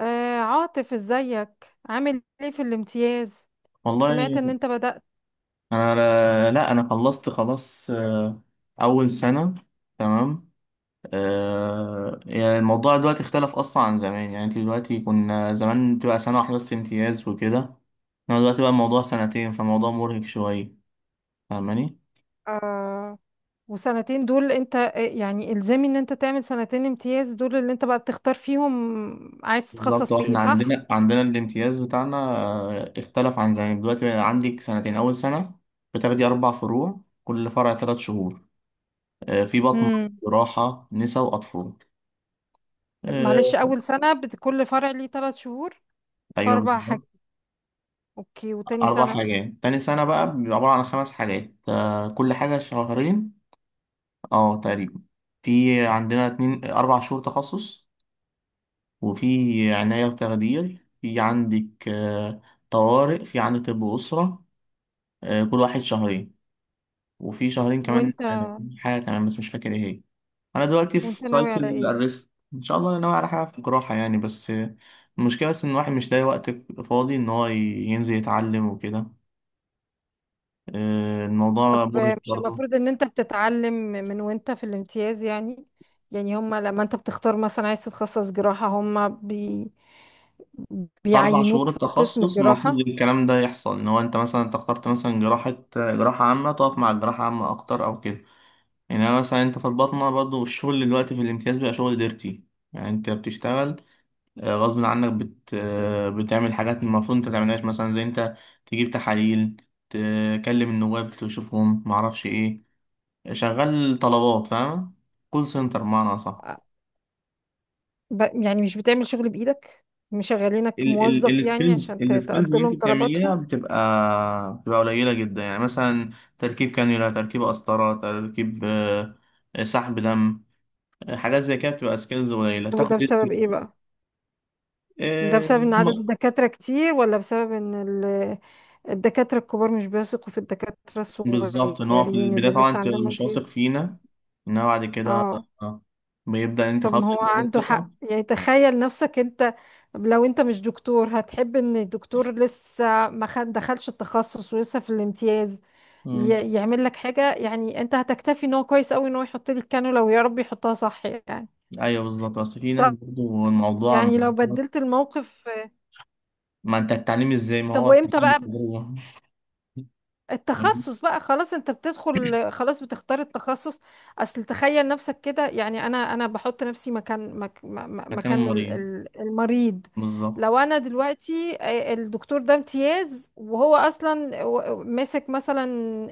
آه، عاطف، ازيك؟ عامل ايه في الامتياز؟ والله، سمعت ان انت بدأت. انا لا لا، انا خلصت خلاص، اول سنه، تمام. يعني الموضوع دلوقتي اختلف اصلا عن زمان. يعني انت دلوقتي، كنا زمان بتبقى سنه واحده بس امتياز وكده، انا دلوقتي بقى الموضوع سنتين، فالموضوع مرهق شويه، فاهماني؟ آه، وسنتين دول انت يعني الزامي ان انت تعمل سنتين امتياز دول اللي انت بقى بتختار فيهم عايز بالظبط. تتخصص في ايه؟ واحنا صح؟ عندنا الامتياز بتاعنا اختلف عن زمان. دلوقتي بقى عندك سنتين، اول سنه بتاخدي اربع فروع، كل فرع ثلاث شهور. في بطن، امم. جراحه، نسا، واطفال. معلش، آه، اول سنة كل فرع ليه 3 شهور، في ايوه اربع بالظبط. حاجات؟ اوكي. وتاني أربع سنة؟ حاجات. تاني سنة بقى بيبقى عبارة عن خمس حاجات، كل حاجة شهرين. اه تقريبا، في عندنا اتنين أربع شهور تخصص، وفي عناية وتخدير، في عندك، طوارئ، في عندك طب أسرة، كل واحد شهرين. وفي شهرين كمان، وانت حاجة كمان بس مش فاكر ايه هي. أنا دلوقتي وانت في ناوي على سايكل ايه؟ الريست، إن شاء الله أنا ناوي على حاجة في الجراحة يعني، بس المشكلة بس إن الواحد مش لاقي وقت فاضي إن هو ينزل يتعلم وكده. طب الموضوع مرهق مش برضه. المفروض ان انت بتتعلم من وانت في الامتياز؟ يعني هما لما انت بتختار مثلا عايز تتخصص جراحة، هما في أربع شهور بيعينوك في قسم التخصص المفروض الجراحة؟ الكلام ده يحصل، إن هو أنت مثلا أنت اخترت مثلا جراحة عامة، تقف مع الجراحة عامة أكتر أو كده. يعني أنا مثلا، أنت في الباطنة برضه الشغل دلوقتي في الامتياز بقى شغل ديرتي. يعني أنت بتشتغل غصب عنك بت... آه، بتعمل حاجات المفروض أنت متعملهاش. مثلا زي أنت تجيب تحاليل، تكلم النواب، تشوفهم، معرفش إيه، شغال طلبات، فاهم؟ كول سنتر بمعنى أصح. يعني مش بتعمل شغل بإيدك؟ مشغلينك ال ال موظف يعني السكيلز عشان السكيلز تقضي اللي انت لهم بتعمليها طلباتهم؟ بتبقى قليله جدا. يعني مثلا تركيب كانيولا، تركيب قسطره، تركيب آه، آه، سحب دم، حاجات زي كده، بتبقى سكيلز قليله، طب تاخد وده بسبب ايه history. بقى؟ ده آه، بسبب ان عدد هم- الدكاترة كتير ولا بسبب ان الدكاترة الكبار مش بيثقوا في الدكاترة بالظبط، ان هو في الصغيرين البدايه اللي طبعا لسه انت عندهم مش واثق امتياز؟ فينا، انما بعد كده اه. آه، بيبدا انت طب ما خلاص هو انت عندك عنده ثقه. حق يعني. تخيل نفسك انت، لو انت مش دكتور هتحب ان الدكتور لسه ما دخلش التخصص ولسه في الامتياز مم. يعمل لك حاجة؟ يعني انت هتكتفي ان هو كويس قوي ان هو يحط لك الكانولا ويا رب يحطها صح يعني؟ ايوه بالظبط، بس في ناس صح. برضه الموضوع. يعني لو بدلت الموقف. ما انت التعليم ازاي؟ ما طب هو وامتى التعليم بقى بالتجربه. التخصص بقى؟ خلاص انت بتدخل، خلاص بتختار التخصص. اصل تخيل نفسك كده. يعني انا بحط نفسي مكان مك م- مكان مكان المريض، المريض. بالظبط. لو انا دلوقتي الدكتور ده امتياز وهو اصلا ماسك مثلا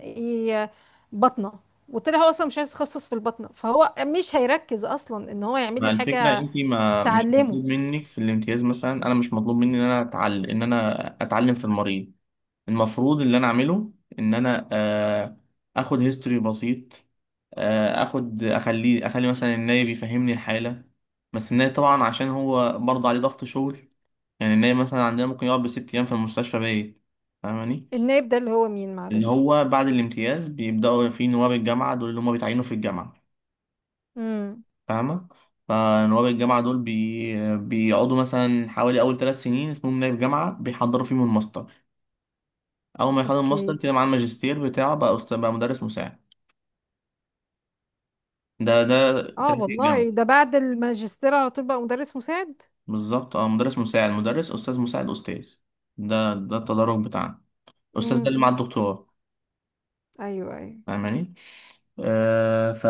ي- بطنه، وطلع هو اصلا مش عايز يتخصص في البطنه فهو مش هيركز اصلا ان هو يعمل مع لي الفكرة حاجه. انت ما مش تعلمه. مطلوب منك في الامتياز، مثلا انا مش مطلوب مني ان انا اتعلم ان انا اتعلم في المريض. المفروض اللي انا اعمله ان انا اخد هيستوري بسيط، اخد، اخلي مثلا النايب يفهمني الحالة، بس النايب طبعا عشان هو برضه عليه ضغط شغل. يعني النايب مثلا عندنا ممكن يقعد بست ايام في المستشفى بايت، فاهماني؟ النائب ده اللي هو مين؟ اللي معلش. هو بعد الامتياز بيبدأوا في نواب الجامعة، دول اللي هم بيتعينوا في الجامعة. امم. فاهمة؟ فنواب الجامعة دول بيقعدوا مثلا حوالي أول ثلاث سنين اسمهم نائب جامعة، بيحضروا فيهم الماستر. أول ما يخلص الماستر اوكي. كده مع الماجستير بتاعه، بقى أستاذ، بقى مدرس مساعد. ده اه تراك الجامعة. والله، ده بعد الماجستير على طول بقى مدرس مساعد؟ بالظبط، اه، مدرس مساعد، مدرس، أستاذ مساعد، أستاذ. ده التدرج بتاعنا. الأستاذ امم. ده اللي مع امم. الدكتوراه، ايوه، ايوه. فاهماني؟ آه، ف...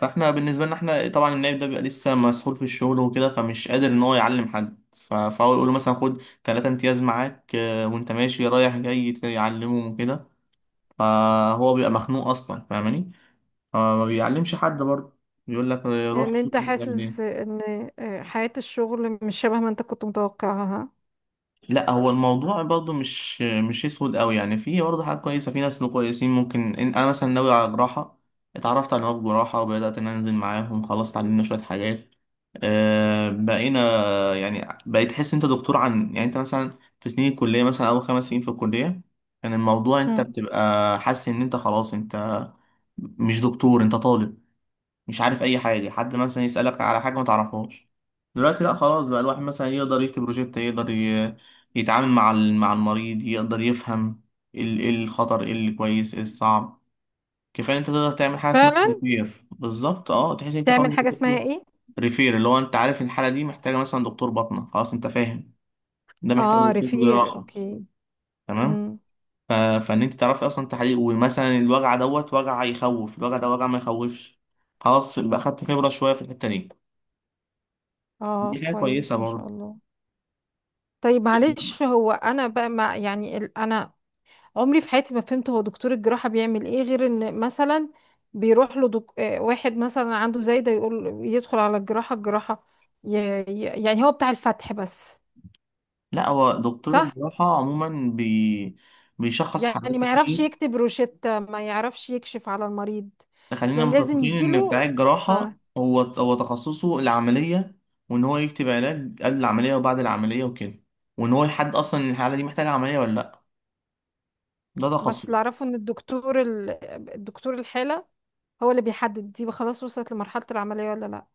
فاحنا بالنسبه لنا، احنا طبعا النائب ده بيبقى لسه مسحول في الشغل وكده، فمش قادر ان هو يعلم حد. فهو يقول له مثلا خد ثلاثة امتياز معاك، وانت ماشي رايح جاي يعلمهم وكده. فهو بيبقى مخنوق اصلا، فاهماني؟ فما بيعلمش حد برضه، بيقول لك روح يعني شوف انت انت بتعمل حاسس ايه. ان حياة الشغل مش شبه ما انت كنت متوقعها؟ لا هو الموضوع برضه مش اسود قوي، يعني في برضه حاجات كويسه، في ناس كويسين. ممكن إن انا مثلا ناوي على جراحه، اتعرفت على نواب جراحه وبدات ان أنا انزل معاهم، خلاص اتعلمنا شويه حاجات، بقينا يعني بقيت تحس انت دكتور. عن يعني انت مثلا في سنين الكليه، مثلا اول خمس سنين في الكليه كان الموضوع انت مم. بتبقى حاسس ان انت خلاص انت مش دكتور، انت طالب، مش عارف اي حاجه، حد مثلا يسالك على حاجه ما تعرفهاش. دلوقتي لا، خلاص بقى الواحد مثلا يقدر يكتب بروجكت، يقدر يتعامل مع مع المريض، يقدر يفهم ايه الخطر، ايه اللي كويس، ايه الصعب. كفايه انت تقدر تعمل حاجه اسمها فعلا. ريفير، بالظبط، اه تحس ان انت تعمل خلاص. حاجة اسمها ايه؟ ريفير اللي هو انت عارف ان الحاله دي محتاجه مثلا دكتور باطنه، خلاص انت فاهم، ده محتاج اه، دكتور ريفير. جراحه. اوكي. تمام. امم. ف- فان انت تعرفي اصلا تحقيق، ومثلا الوجع دوت وجع يخوف، الوجع ده وجع ما يخوفش، خلاص يبقى اخدت خبره شويه في الحته دي. اه، دي حاجة كويسة كويس ما شاء برضه. الله. طيب معلش، هو انا بقى ما يعني انا عمري في حياتي ما فهمت هو دكتور الجراحة بيعمل ايه غير ان مثلا بيروح له واحد مثلا عنده زي ده يقول يدخل على الجراحة الجراحة، ي... يعني هو بتاع الفتح بس؟ لا هو دكتور صح. الجراحة عموما بيشخص حالات يعني ما يعرفش كتير. يكتب روشتة ما يعرفش يكشف على المريض؟ خلينا يعني لازم متفقين إن بتاع يجيله. الجراحة آه. هو تخصصه العملية، وإن هو يكتب علاج قبل العملية وبعد العملية وكده، وإن هو يحدد أصلا إن الحالة دي محتاجة عملية ولا لأ، ده بس اللي تخصصه. اعرفه ان الدكتور الدكتور الحالة هو اللي بيحدد دي خلاص وصلت لمرحلة العملية ولا لا.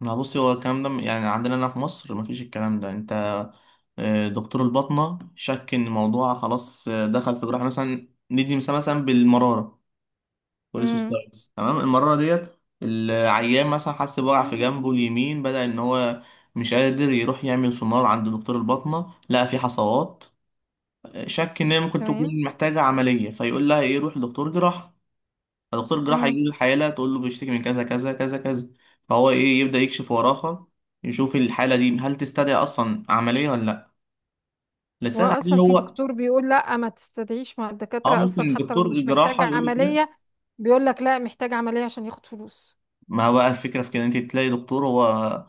ما بصي، هو الكلام ده يعني عندنا هنا في مصر مفيش الكلام ده. أنت دكتور الباطنة شك إن الموضوع خلاص، دخل في جراحة، مثلا ندي مثال مثلا بالمرارة، بوليس امم. ستايلز، تمام. المرة ديت العيان مثلا حس بوجع في جنبه اليمين، بدأ إن هو مش قادر، يروح يعمل سونار عند دكتور الباطنة، لقى في حصوات، شك إن هي ممكن تمام. تكون محتاجة عملية، فيقول لها إيه روح لدكتور جراحة. فدكتور جراحة امم. يجي الحالة تقول له بيشتكي من كذا كذا كذا كذا، فهو إيه يبدأ يكشف وراها، يشوف الحالة دي هل تستدعي أصلا عملية ولا لأ، هو لسه تحليل اصلا في هو. دكتور بيقول لا ما تستدعيش مع اه الدكاترة اصلا ممكن حتى لو دكتور مش محتاج جراحة يقول لك لا. عملية؟ بيقول لك لا محتاج عملية عشان ياخد فلوس. ما هو بقى الفكرة في كده، انت تلاقي دكتور هو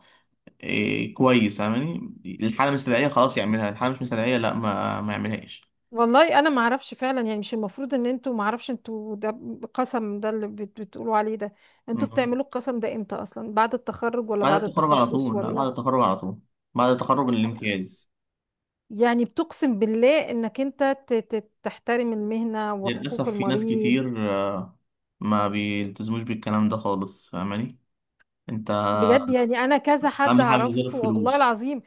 إيه كويس، فاهماني؟ الحالة مستدعية، خلاص يعملها، الحالة مش مستدعية، لا ما يعملهاش. والله انا ما اعرفش فعلا. يعني مش المفروض ان انتوا، ما اعرفش انتوا ده قسم ده اللي بتقولوا عليه ده؟ انتوا مم. بتعملوا القسم ده امتى اصلا؟ بعد التخرج ولا بعد بعد التخرج على التخصص طول، لا بعد ولا التخرج على طول، بعد التخرج قبل؟ الامتياز. يعني بتقسم بالله انك انت تحترم المهنة وحقوق للأسف في ناس المريض؟ كتير ما بيلتزموش بالكلام ده خالص، فاهماني؟ انت بجد يعني، انا كذا حد أهم حاجة غير اعرفه والله الفلوس. العظيم.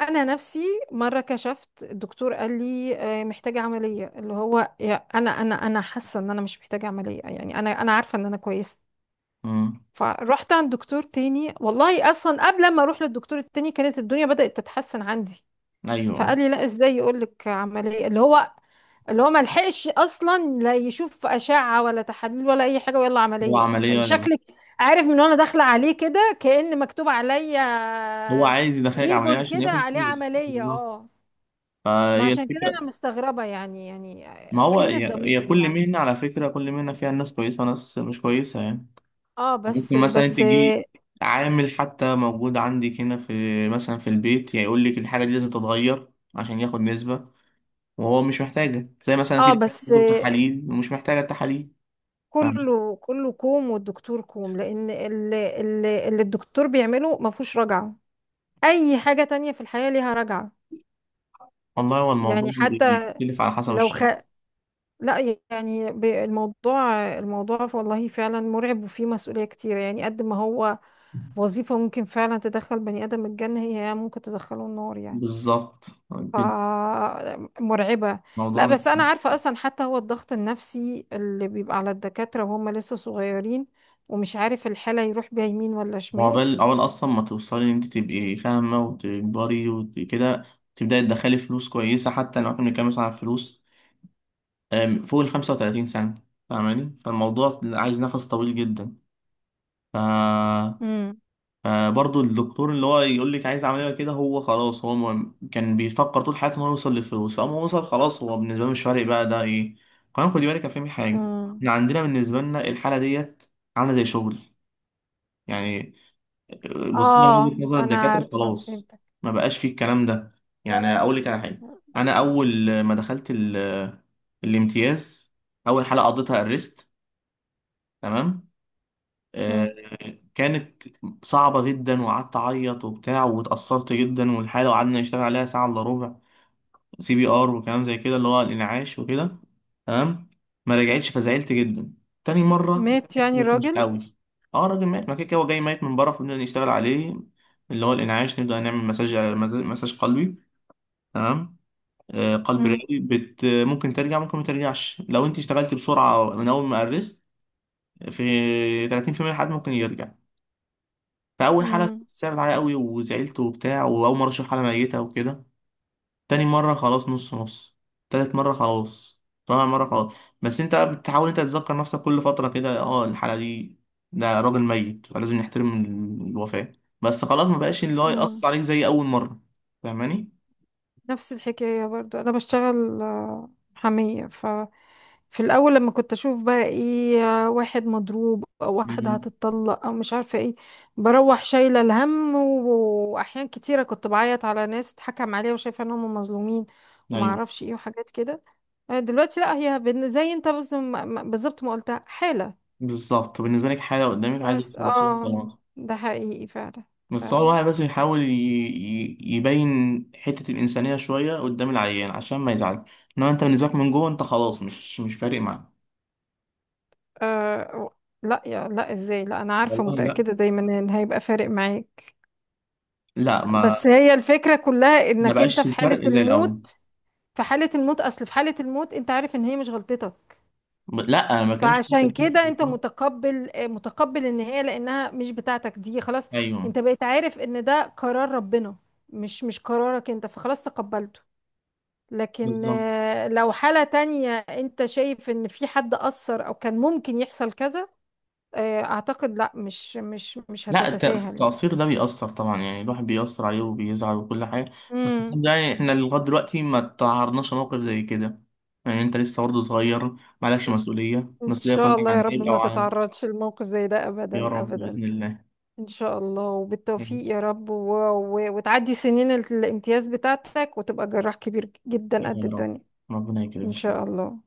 انا نفسي مره كشفت، الدكتور قال لي محتاجه عمليه، اللي هو يا انا حاسه ان انا مش محتاجه عمليه يعني، انا عارفه ان انا كويسه. مم. فرحت عند دكتور تاني، والله اصلا قبل ما اروح للدكتور التاني كانت الدنيا بدات تتحسن عندي، فقال أيوه. لي لا، ازاي يقول لك عمليه؟ اللي هو ما لحقش اصلا لا يشوف اشعه ولا تحاليل ولا اي حاجه ويلا هو عمليه؟ يعني عملية غير- شكلك عارف، من وانا داخله عليه كده كأن مكتوب هو عليا عايز يدخلك عملية ليبل عشان كده ياخد عليه فلوس، عمليه. بالظبط، اه. ما فهي عشان كده الفكرة. انا مستغربة يعني. يعني ما هو فين هي الضمير كل يعني؟ مهنة، على فكرة كل مهنة فيها ناس كويسة وناس مش كويسة يعني. اه، بس ممكن مثلا بس، تجي عامل حتى موجود عندك هنا في، مثلا في البيت، يعني يقول لك الحاجة دي لازم تتغير عشان ياخد نسبة وهو مش محتاجة. زي مثلا في اه دكاترة بس، بتطلب تحاليل ومش محتاجة التحاليل، فاهم؟ كله كله كوم والدكتور كوم، لان اللي الدكتور بيعمله ما فيهوش رجعة. اي حاجة تانية في الحياة ليها رجعة. والله هو الموضوع يعني حتى بيختلف على حسب لو الشخص، لا، يعني الموضوع، الموضوع والله فعلا مرعب وفيه مسؤولية كتير. يعني قد ما هو وظيفة ممكن فعلا تدخل بني آدم الجنة، هي ممكن تدخله النار يعني. بالظبط ف، كده. مرعبة. الموضوع لا مش، بس أنا عارفة أصلا، حتى هو الضغط النفسي اللي بيبقى على الدكاترة وهم لسه صغيرين ومش عارف الحالة يروح بيها يمين ولا شمال. وعقبال عقبال أصلا ما توصلي إن أنت تبقي فاهمة وتكبري وكده، تبدأي تدخلي فلوس كويسة، حتى لو إحنا بنتكلم مثلا عن فلوس، فوق ال 35 سنة، فاهماني؟ فالموضوع عايز نفس طويل جدا. ف... امم. فبرضه الدكتور اللي هو يقول لك عايز عمليه كده، هو خلاص هو كان بيفكر طول حياته ان هو يوصل للفلوس، فاما هو وصل خلاص هو بالنسبه له مش فارق بقى ده ايه. كمان خدي بالك يا فهمي حاجه، امم. احنا عندنا بالنسبه لنا الحاله ديت عامله زي شغل يعني. بصينا من اه وجهه نظر أنا الدكاتره، عارفة، خلاص فهمتك. ما بقاش فيه الكلام ده. يعني اقول لك على حاجه، انا اول ما دخلت الامتياز، اول حاله قضيتها الريست. تمام. آه، امم. كانت صعبة جدا، وقعدت أعيط وبتاع، واتأثرت جدا، والحالة وقعدنا نشتغل عليها ساعة إلا ربع، سي بي آر وكلام زي كده اللي هو الإنعاش وكده. تمام. ما رجعتش، فزعلت جدا. تاني مرة مات زعلت يعني بس مش الراجل؟ قوي. اه الراجل مات، ما كده كده هو جاي ميت من بره، فبنبدأ نشتغل عليه، اللي هو الإنعاش، نبدأ نعمل مساج، مساج قلبي، تمام. قلب امم. رئوي ممكن ترجع ممكن ما ترجعش، لو انت اشتغلت بسرعة من أول ما قرست. في 30% من الحالات ممكن يرجع. فاول حاله امم. صعبت عليا قوي وزعلت وبتاع، واول مره اشوف حاله ميته وكده. تاني مره خلاص نص نص، تالت مره خلاص، رابع مره خلاص. بس انت بقى بتحاول انت تتذكر نفسك كل فتره كده، اه الحاله دي، ده راجل ميت فلازم نحترم الوفاه. بس خلاص ما بقاش اللي هو يأثر امم. عليك زي اول مره، فاهماني؟ نفس الحكاية برضو، أنا بشتغل محامية. في الاول لما كنت اشوف بقى ايه واحد مضروب او واحدة مم. هتتطلق او مش عارفة ايه، بروح شايلة الهم واحيان كتيرة كنت بعيط على ناس اتحكم عليها وشايفة ان هم مظلومين، وما ايوه اعرفش ايه وحاجات كده. دلوقتي لا، هي زي انت بالظبط ما قلتها، حالة. بالظبط، بالنسبه لك حاله قدامك عايزه بس تخلصيها، اه، خلاص. ده حقيقي فعلا. بس هو فعلا. الواحد بس يحاول يبين حتة الإنسانية شوية قدام العيان عشان ما يزعل. إنما أنت بالنسبة لك من جوه أنت خلاص مش فارق معاه. آه و- لا يا لا، ازاي؟ لا انا عارفة والله لا، متأكدة دايما ان هيبقى فارق معاك. لا، ما بس هي الفكرة كلها ما انك انت بقاش في حالة الفرق زي الأول. الموت، في حالة الموت، أصل في حالة الموت أنت عارف إن هي مش غلطتك. لا ما كانش في فعشان تأثير كده أنت بالظبط. متقبل النهاية لأنها مش بتاعتك دي خلاص. أيوه أنت بقيت عارف إن ده قرار ربنا، مش قرارك أنت، فخلاص تقبلته. لكن بالظبط. لو حالة تانية أنت شايف إن في حد أثر أو كان ممكن يحصل كذا، أعتقد لا، مش لا هتتساهل يعني. التقصير ده بيأثر طبعا، يعني الواحد بيأثر عليه وبيزعل وكل حاجة. بس الحمد امم. لله يعني، إحنا لغاية دلوقتي ما تعرضناش لموقف زي كده. يعني أنت لسه برضه صغير، معلكش مسؤولية، إن المسؤولية شاء كلها الله يا عن رب عيب أو ما عن، تتعرضش لموقف زي ده يا أبدا رب أبدا. بإذن الله. ان شاء الله، يعني، وبالتوفيق يا رب، وتعدي سنين الامتياز بتاعتك وتبقى جراح كبير جدا قد يا رب، الدنيا. ربنا ان يكرمك. شاء الله.